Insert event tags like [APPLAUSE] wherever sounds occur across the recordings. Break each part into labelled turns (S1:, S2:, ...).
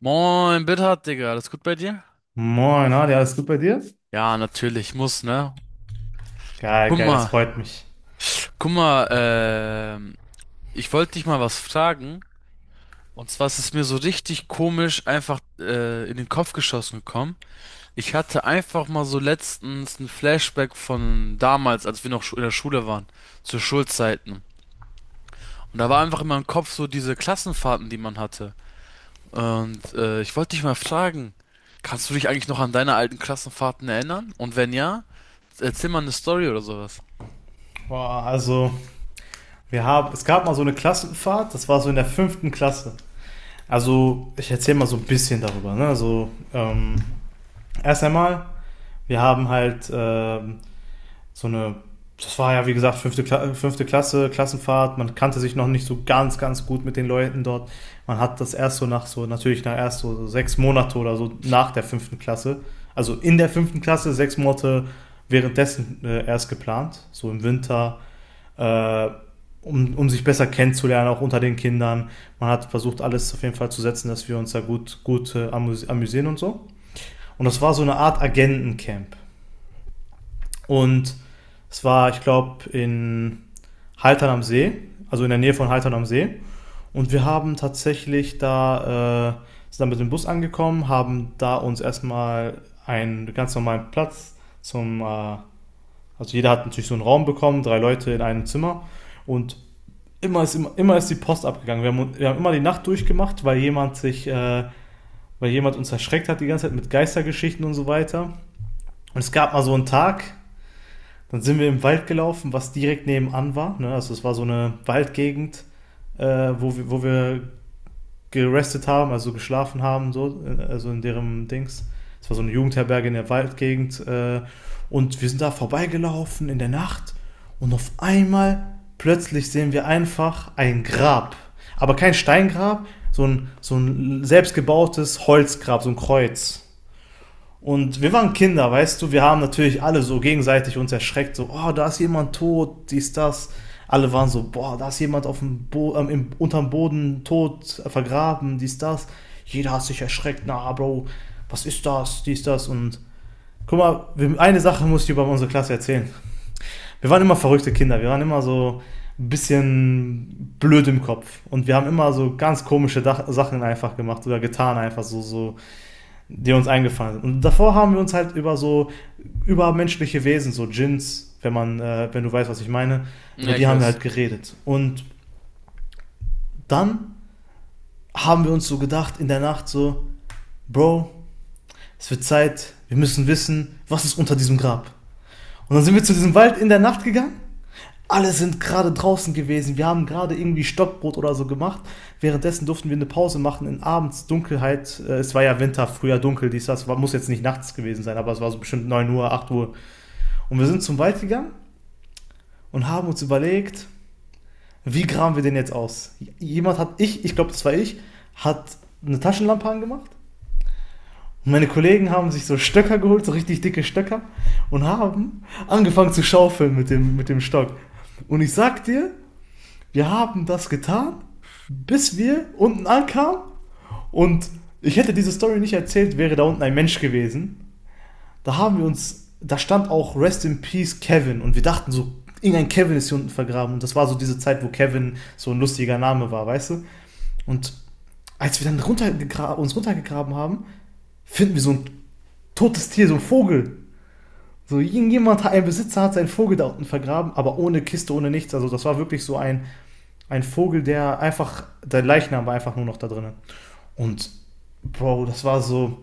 S1: Moin, Bittert, Digga. Alles gut bei dir?
S2: Moin, na, ja, alles gut bei dir?
S1: Ja, natürlich, muss, ne?
S2: Geil,
S1: Guck
S2: geil, das
S1: mal,
S2: freut mich.
S1: guck mal, ich wollte dich mal was fragen. Und zwar ist es mir so richtig komisch einfach in den Kopf geschossen gekommen. Ich hatte einfach mal so letztens ein Flashback von damals, als wir in der Schule waren, zu Schulzeiten. Und da war einfach in meinem Kopf so diese Klassenfahrten, die man hatte. Und ich wollte dich mal fragen, kannst du dich eigentlich noch an deine alten Klassenfahrten erinnern? Und wenn ja, erzähl mal eine Story oder sowas.
S2: Boah, also, es gab mal so eine Klassenfahrt, das war so in der fünften Klasse. Also, ich erzähle mal so ein bisschen darüber, ne? Also, erst einmal, wir haben halt so eine, das war ja wie gesagt fünfte Klasse, Klassenfahrt, man kannte sich noch nicht so ganz, ganz gut mit den Leuten dort. Man hat das erst so natürlich nach erst so 6 Monate oder so nach der fünften Klasse, also in der fünften Klasse, 6 Monate währenddessen erst geplant, so im Winter, äh, um sich besser kennenzulernen, auch unter den Kindern. Man hat versucht, alles auf jeden Fall zu setzen, dass wir uns da gut, gut amüsieren und so. Und das war so eine Art Agentencamp. Und es war, ich glaube, in Haltern am See, also in der Nähe von Haltern am See. Und wir haben tatsächlich da, sind dann mit dem Bus angekommen, haben da uns erstmal einen ganz normalen Platz zum, äh, also jeder hat natürlich so einen Raum bekommen, drei Leute in einem Zimmer. Und immer ist die Post abgegangen. Wir haben immer die Nacht durchgemacht, weil jemand uns erschreckt hat die ganze Zeit mit Geistergeschichten und so weiter. Und es gab mal so einen Tag, dann sind wir im Wald gelaufen, was direkt nebenan war. Ne? Also es war so eine Waldgegend, wo wir gerestet haben, also geschlafen haben, so, also in deren Dings. Es war so eine Jugendherberge in der Waldgegend. Und wir sind da vorbeigelaufen in der Nacht und auf einmal plötzlich sehen wir einfach ein Grab. Aber kein Steingrab, so ein selbstgebautes Holzgrab, so ein Kreuz. Und wir waren Kinder, weißt du, wir haben natürlich alle so gegenseitig uns erschreckt, so, oh, da ist jemand tot, dies, das. Alle waren so, boah, da ist jemand auf dem Bo im, unterm Boden tot, vergraben, dies, das. Jeder hat sich erschreckt, na, Bro, was ist das, dies, das. Und guck mal, wir, eine Sache muss ich über unsere Klasse erzählen. Wir waren immer verrückte Kinder, wir waren immer so ein bisschen blöd im Kopf. Und wir haben immer so ganz komische Dach Sachen einfach gemacht oder getan, einfach so, so die uns eingefallen sind. Und davor haben wir uns halt über so übermenschliche Wesen, so Djinns, wenn du weißt, was ich meine, über
S1: Ja,
S2: die
S1: ich
S2: haben wir
S1: weiß.
S2: halt geredet. Und dann haben wir uns so gedacht in der Nacht so, Bro, es wird Zeit, wir müssen wissen, was ist unter diesem Grab. Und dann sind wir zu diesem Wald in der Nacht gegangen. Alle sind gerade draußen gewesen. Wir haben gerade irgendwie Stockbrot oder so gemacht. Währenddessen durften wir eine Pause machen in abends Dunkelheit. Es war ja Winter, früher dunkel, dies, das. Muss jetzt nicht nachts gewesen sein, aber es war so bestimmt 9 Uhr, 8 Uhr. Und wir sind zum Wald gegangen und haben uns überlegt, wie graben wir den jetzt aus? Jemand hat, ich glaube, das war ich, hat eine Taschenlampe angemacht. Und meine Kollegen haben sich so Stöcker geholt, so richtig dicke Stöcker, und haben angefangen zu schaufeln mit dem Stock. Und ich sag dir, wir haben das getan, bis wir unten ankamen. Und ich hätte diese Story nicht erzählt, wäre da unten ein Mensch gewesen. Da haben wir uns, da stand auch Rest in Peace Kevin und wir dachten so, irgendein Kevin ist hier unten vergraben. Und das war so diese Zeit, wo Kevin so ein lustiger Name war, weißt du? Und als wir dann runtergegra uns runtergegraben haben, finden wir so ein totes Tier, so ein Vogel. So irgendjemand, ein Besitzer hat seinen Vogel da unten vergraben, aber ohne Kiste, ohne nichts. Also das war wirklich so ein Vogel, der einfach, der Leichnam war einfach nur noch da drinnen. Und Bro, das war so,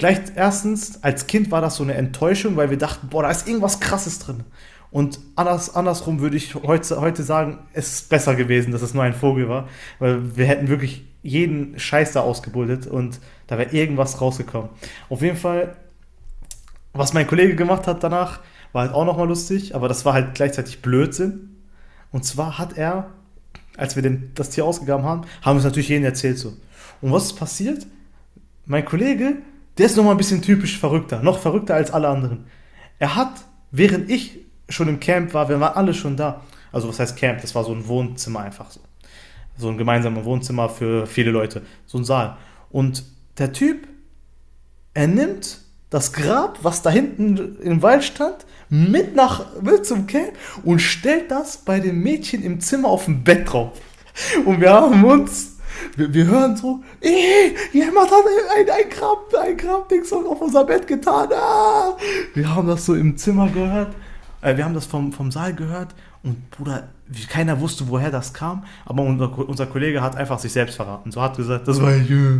S2: gleich erstens, als Kind war das so eine Enttäuschung, weil wir dachten, boah, da ist irgendwas Krasses drin. Und andersrum würde ich heute sagen, es ist besser gewesen, dass es nur ein Vogel war, weil wir hätten wirklich jeden Scheiß da ausgebuddelt und da wäre irgendwas rausgekommen. Auf jeden Fall, was mein Kollege gemacht hat danach, war halt auch nochmal lustig, aber das war halt gleichzeitig Blödsinn. Und zwar hat er, als wir das Tier ausgegraben haben, haben wir es natürlich jedem erzählt so. Und was ist passiert? Mein Kollege, der ist nochmal ein bisschen typisch verrückter, noch verrückter als alle anderen. Er hat, während ich schon im Camp war, wir waren alle schon da. Also was heißt Camp? Das war so ein Wohnzimmer einfach so. So ein gemeinsames Wohnzimmer für viele Leute, so ein Saal. Und der Typ, er nimmt das Grab, was da hinten im Wald stand, mit nach mit zum Camp und stellt das bei dem Mädchen im Zimmer auf dem Bett drauf. Und wir haben uns, wir hören so: "Ey, jemand hat ein Grabding auf unser Bett getan. Ah! Wir haben das so im Zimmer gehört. Wir haben das vom Saal gehört und Bruder, keiner wusste, woher das kam, aber unser Kollege hat einfach sich selbst verraten. So hat gesagt, das war ich.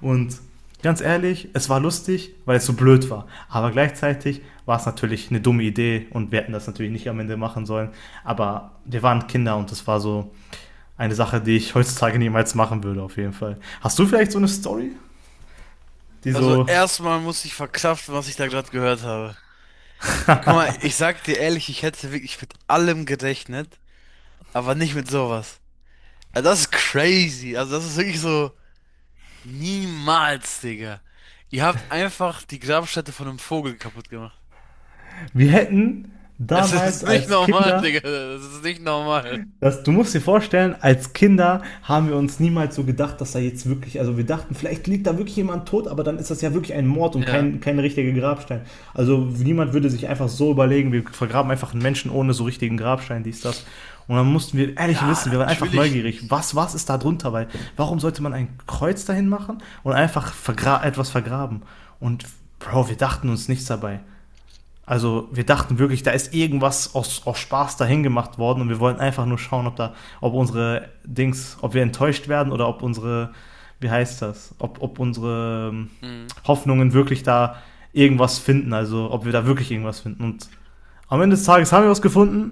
S2: Und ganz ehrlich, es war lustig, weil es so blöd war. Aber gleichzeitig war es natürlich eine dumme Idee und wir hätten das natürlich nicht am Ende machen sollen. Aber wir waren Kinder und das war so eine Sache, die ich heutzutage niemals machen würde, auf jeden Fall. Hast du vielleicht so eine Story, die
S1: Also
S2: so,
S1: erstmal muss ich verkraften, was ich da gerade gehört habe. Guck mal, ich sag dir ehrlich, ich hätte wirklich mit allem gerechnet, aber nicht mit sowas. Also das ist crazy. Also das ist wirklich so niemals, Digga. Ihr habt einfach die Grabstätte von einem Vogel kaputt gemacht. [LAUGHS]
S2: wir hätten
S1: Es ist
S2: damals
S1: nicht
S2: als
S1: normal,
S2: Kinder.
S1: Digga. Das ist nicht normal.
S2: Das, du musst dir vorstellen, als Kinder haben wir uns niemals so gedacht, dass da jetzt wirklich, also wir dachten, vielleicht liegt da wirklich jemand tot, aber dann ist das ja wirklich ein Mord und
S1: Ja.
S2: kein richtiger Grabstein. Also niemand würde sich einfach so überlegen, wir vergraben einfach einen Menschen ohne so richtigen Grabstein, dies, das. Und dann mussten wir ehrlich
S1: Ja,
S2: wissen, wir waren einfach
S1: natürlich
S2: neugierig,
S1: nicht.
S2: was ist da drunter, weil warum sollte man ein Kreuz dahin machen und einfach vergra etwas vergraben? Und Bro, wir dachten uns nichts dabei. Also wir dachten wirklich, da ist irgendwas aus Spaß dahin gemacht worden und wir wollten einfach nur schauen, ob unsere Dings, ob wir enttäuscht werden oder ob unsere, wie heißt das, ob unsere
S1: Mhm.
S2: Hoffnungen wirklich da irgendwas finden, also ob wir da wirklich irgendwas finden. Und am Ende des Tages haben wir was gefunden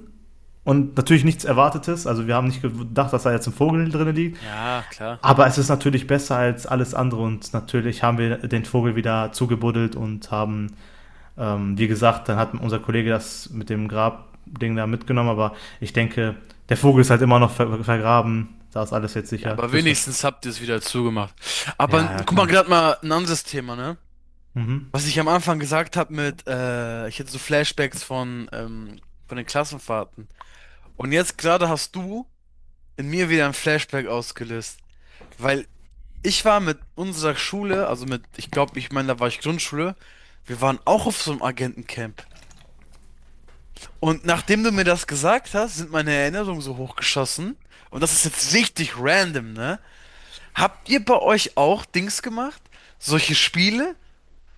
S2: und natürlich nichts Erwartetes. Also wir haben nicht gedacht, dass da jetzt ein Vogel drin liegt.
S1: Ja, klar.
S2: Aber es ist natürlich besser als alles andere und natürlich haben wir den Vogel wieder zugebuddelt und haben wie gesagt, dann hat unser Kollege das mit dem Grabding da mitgenommen, aber ich denke, der Vogel ist halt immer noch vergraben. Da ist alles jetzt
S1: Ja,
S2: sicher,
S1: aber
S2: höchstwahrscheinlich.
S1: wenigstens habt ihr es wieder zugemacht. Aber
S2: Ja, ja,
S1: guck mal,
S2: klar.
S1: gerade mal ein anderes Thema, ne?
S2: Mhm.
S1: Was ich am Anfang gesagt habe mit, ich hätte so Flashbacks von den Klassenfahrten. Und jetzt gerade hast du in mir wieder ein Flashback ausgelöst. Weil ich war mit unserer Schule, also mit, ich glaube, ich meine, da war ich Grundschule, wir waren auch auf so einem Agentencamp. Und nachdem du mir das gesagt hast, sind meine Erinnerungen so hochgeschossen. Und das ist jetzt richtig random, ne? Habt ihr bei euch auch Dings gemacht? Solche Spiele?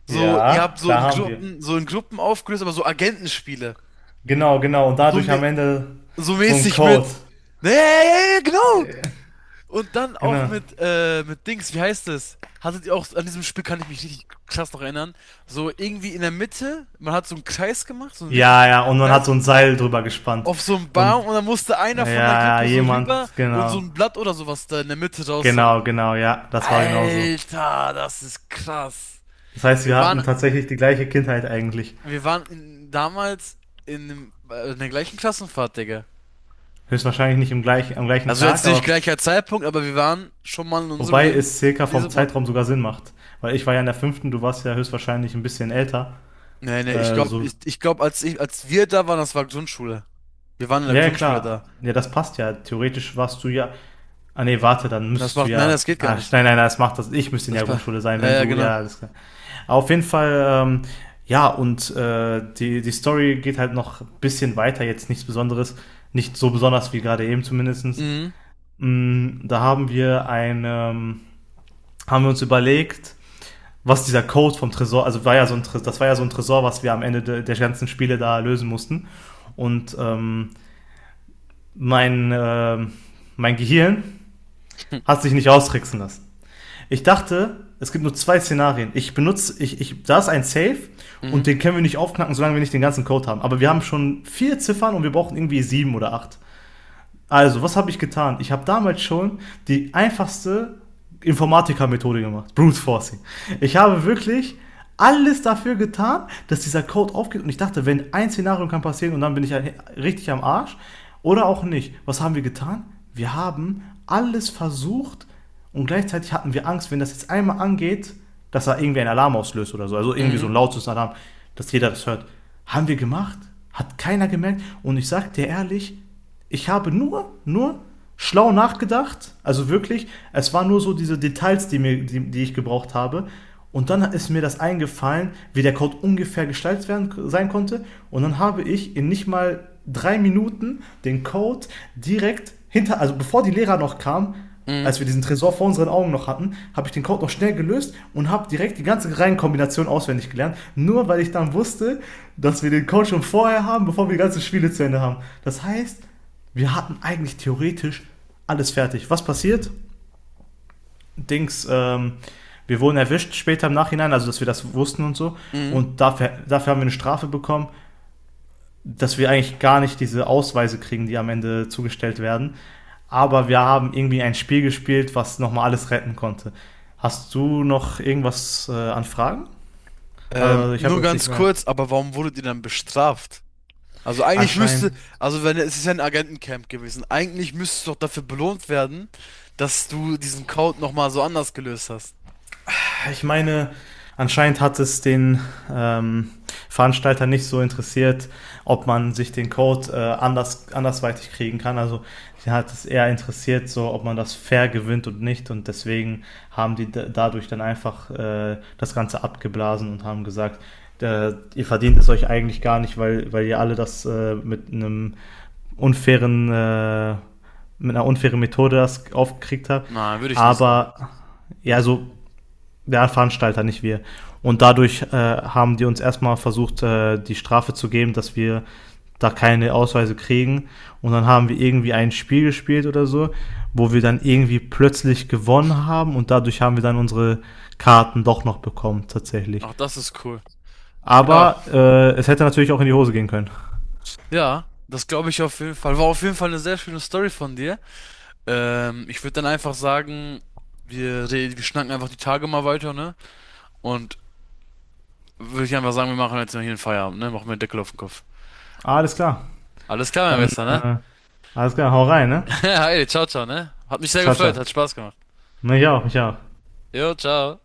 S1: So, ihr habt
S2: Ja, klar haben wir.
S1: So in Gruppen aufgelöst, aber so Agentenspiele.
S2: Genau, genau. Und
S1: So,
S2: dadurch am Ende
S1: so
S2: so ein
S1: mäßig
S2: Code.
S1: mit. Nee, ja, ja, ja, ja, genau! Und dann auch
S2: Genau.
S1: mit Dings, wie heißt das? Hattet ihr auch, an diesem Spiel kann ich mich richtig krass noch erinnern. So irgendwie in der Mitte, man hat so einen Kreis gemacht, so einen richtig
S2: Ja,
S1: guten
S2: ja. Und man hat
S1: Kreis,
S2: so ein Seil drüber gespannt.
S1: auf so einen Baum
S2: Und
S1: und dann musste einer von der
S2: ja, ja,
S1: Gruppe so rüber
S2: jemand,
S1: und so
S2: genau.
S1: ein Blatt oder sowas da in der Mitte rausholen.
S2: Genau, genau, ja, das war genauso.
S1: Alter, das ist krass.
S2: Das heißt,
S1: Wir
S2: wir
S1: waren,
S2: hatten tatsächlich die gleiche Kindheit eigentlich.
S1: wir waren in, damals in, in der gleichen Klassenfahrt, Digga.
S2: Höchstwahrscheinlich nicht im gleichen, am gleichen
S1: Also jetzt
S2: Tag,
S1: nicht
S2: aber
S1: gleicher Zeitpunkt, aber wir waren schon mal in unserem
S2: wobei
S1: Leben
S2: es circa
S1: in
S2: vom
S1: diesem Ort.
S2: Zeitraum sogar Sinn macht. Weil ich war ja in der fünften, du warst ja höchstwahrscheinlich ein bisschen älter.
S1: Nee, nee, ich glaube,
S2: So.
S1: ich glaube, als wir da waren, das war Grundschule. Wir waren in der
S2: Ja, ja,
S1: Grundschule
S2: klar.
S1: da.
S2: Ja, das passt ja. Theoretisch warst du ja. Ah nee, warte, dann
S1: Das
S2: müsstest du
S1: macht, nein,
S2: ja.
S1: das geht gar
S2: Ah,
S1: nicht.
S2: nein, nein, das macht das. Ich müsste in
S1: Das
S2: der
S1: war,
S2: Grundschule sein,
S1: ja,
S2: wenn
S1: ja,
S2: du.
S1: genau.
S2: Ja, alles klar. Auf jeden Fall, ja, und die Story geht halt noch ein bisschen weiter, jetzt nichts Besonderes. Nicht so besonders wie gerade eben zumindestens.
S1: Mhm.
S2: Mm, da haben haben wir uns überlegt, was dieser Code vom Tresor, also war ja so ein Tresor, das war ja so ein Tresor, was wir am Ende de, der ganzen Spiele da lösen mussten. Und mein, äh, mein Gehirn
S1: [LAUGHS]
S2: hat sich nicht austricksen lassen. Ich dachte, es gibt nur zwei Szenarien. Ich benutze, ich, da ist ein Safe
S1: Mhm,
S2: und den können wir nicht aufknacken, solange wir nicht den ganzen Code haben. Aber wir haben schon vier Ziffern und wir brauchen irgendwie sieben oder acht. Also, was habe ich getan? Ich habe damals schon die einfachste Informatiker-Methode gemacht, Brute Forcing. Ich habe wirklich alles dafür getan, dass dieser Code aufgeht und ich dachte, wenn ein Szenario kann passieren und dann bin ich ja richtig am Arsch oder auch nicht. Was haben wir getan? Wir haben alles versucht und gleichzeitig hatten wir Angst, wenn das jetzt einmal angeht, dass da irgendwie ein Alarm auslöst oder so, also irgendwie so
S1: mhm,
S2: ein lautes Alarm, dass jeder das hört. Haben wir gemacht? Hat keiner gemerkt und ich sag dir ehrlich, ich habe nur schlau nachgedacht. Also wirklich, es waren nur so diese Details, die ich gebraucht habe. Und dann ist mir das eingefallen, wie der Code ungefähr gestaltet werden, sein konnte. Und dann habe ich in nicht mal 3 Minuten den Code direkt hinter, also bevor die Lehrer noch kamen,
S1: mhm,
S2: als wir diesen Tresor vor unseren Augen noch hatten, habe ich den Code noch schnell gelöst und habe direkt die ganze Reihenkombination auswendig gelernt, nur weil ich dann wusste, dass wir den Code schon vorher haben, bevor wir die ganzen Spiele zu Ende haben. Das heißt, wir hatten eigentlich theoretisch alles fertig. Was passiert? Dings, wir wurden erwischt später im Nachhinein, also dass wir das wussten und so.
S1: mhm.
S2: Und dafür haben wir eine Strafe bekommen, dass wir eigentlich gar nicht diese Ausweise kriegen, die am Ende zugestellt werden. Aber wir haben irgendwie ein Spiel gespielt, was nochmal alles retten konnte. Hast du noch irgendwas an Fragen? Also ich habe
S1: Nur
S2: jetzt nicht
S1: ganz
S2: mehr.
S1: kurz, aber warum wurdet ihr dann bestraft? Also eigentlich müsste,
S2: Anscheinend,
S1: also wenn es ist ja ein Agentencamp gewesen, eigentlich müsstest du doch dafür belohnt werden, dass du diesen Code nochmal so anders gelöst hast.
S2: ja, ich meine, anscheinend hat es den ähm, Veranstalter nicht so interessiert, ob man sich den Code andersweitig kriegen kann. Also sie hat es eher interessiert, so ob man das fair gewinnt und nicht. Und deswegen haben die dadurch dann einfach das Ganze abgeblasen und haben gesagt, ihr verdient es euch eigentlich gar nicht, weil, ihr alle das mit einem unfairen, äh, mit einer unfairen Methode das aufgekriegt habt.
S1: Nein, würde ich nicht sagen.
S2: Aber
S1: Würde
S2: ja,
S1: ich nicht
S2: so
S1: sagen.
S2: der Veranstalter, nicht wir. Und dadurch haben die uns erstmal versucht, die Strafe zu geben, dass wir da keine Ausweise kriegen. Und dann haben wir irgendwie ein Spiel gespielt oder so, wo wir dann irgendwie plötzlich gewonnen haben und dadurch haben wir dann unsere Karten doch noch bekommen, tatsächlich.
S1: Ach, das ist cool. Ja,
S2: Aber es hätte natürlich auch in die Hose gehen können.
S1: ja, das glaube ich auf jeden Fall. War auf jeden Fall eine sehr schöne Story von dir. Ich würde dann einfach sagen, wir schnacken einfach die Tage mal weiter, ne? Und würde ich einfach sagen, wir machen jetzt mal hier einen Feierabend, ne? Machen wir einen Deckel auf den Kopf.
S2: Alles klar.
S1: Alles klar, mein
S2: Dann,
S1: Bester, ne?
S2: alles klar, hau rein, ne?
S1: [LAUGHS] Hi, ciao, ciao, ne? Hat mich sehr
S2: Ciao,
S1: gefreut, hat
S2: ciao.
S1: Spaß gemacht.
S2: Mich auch, mich auch.
S1: Jo, ciao.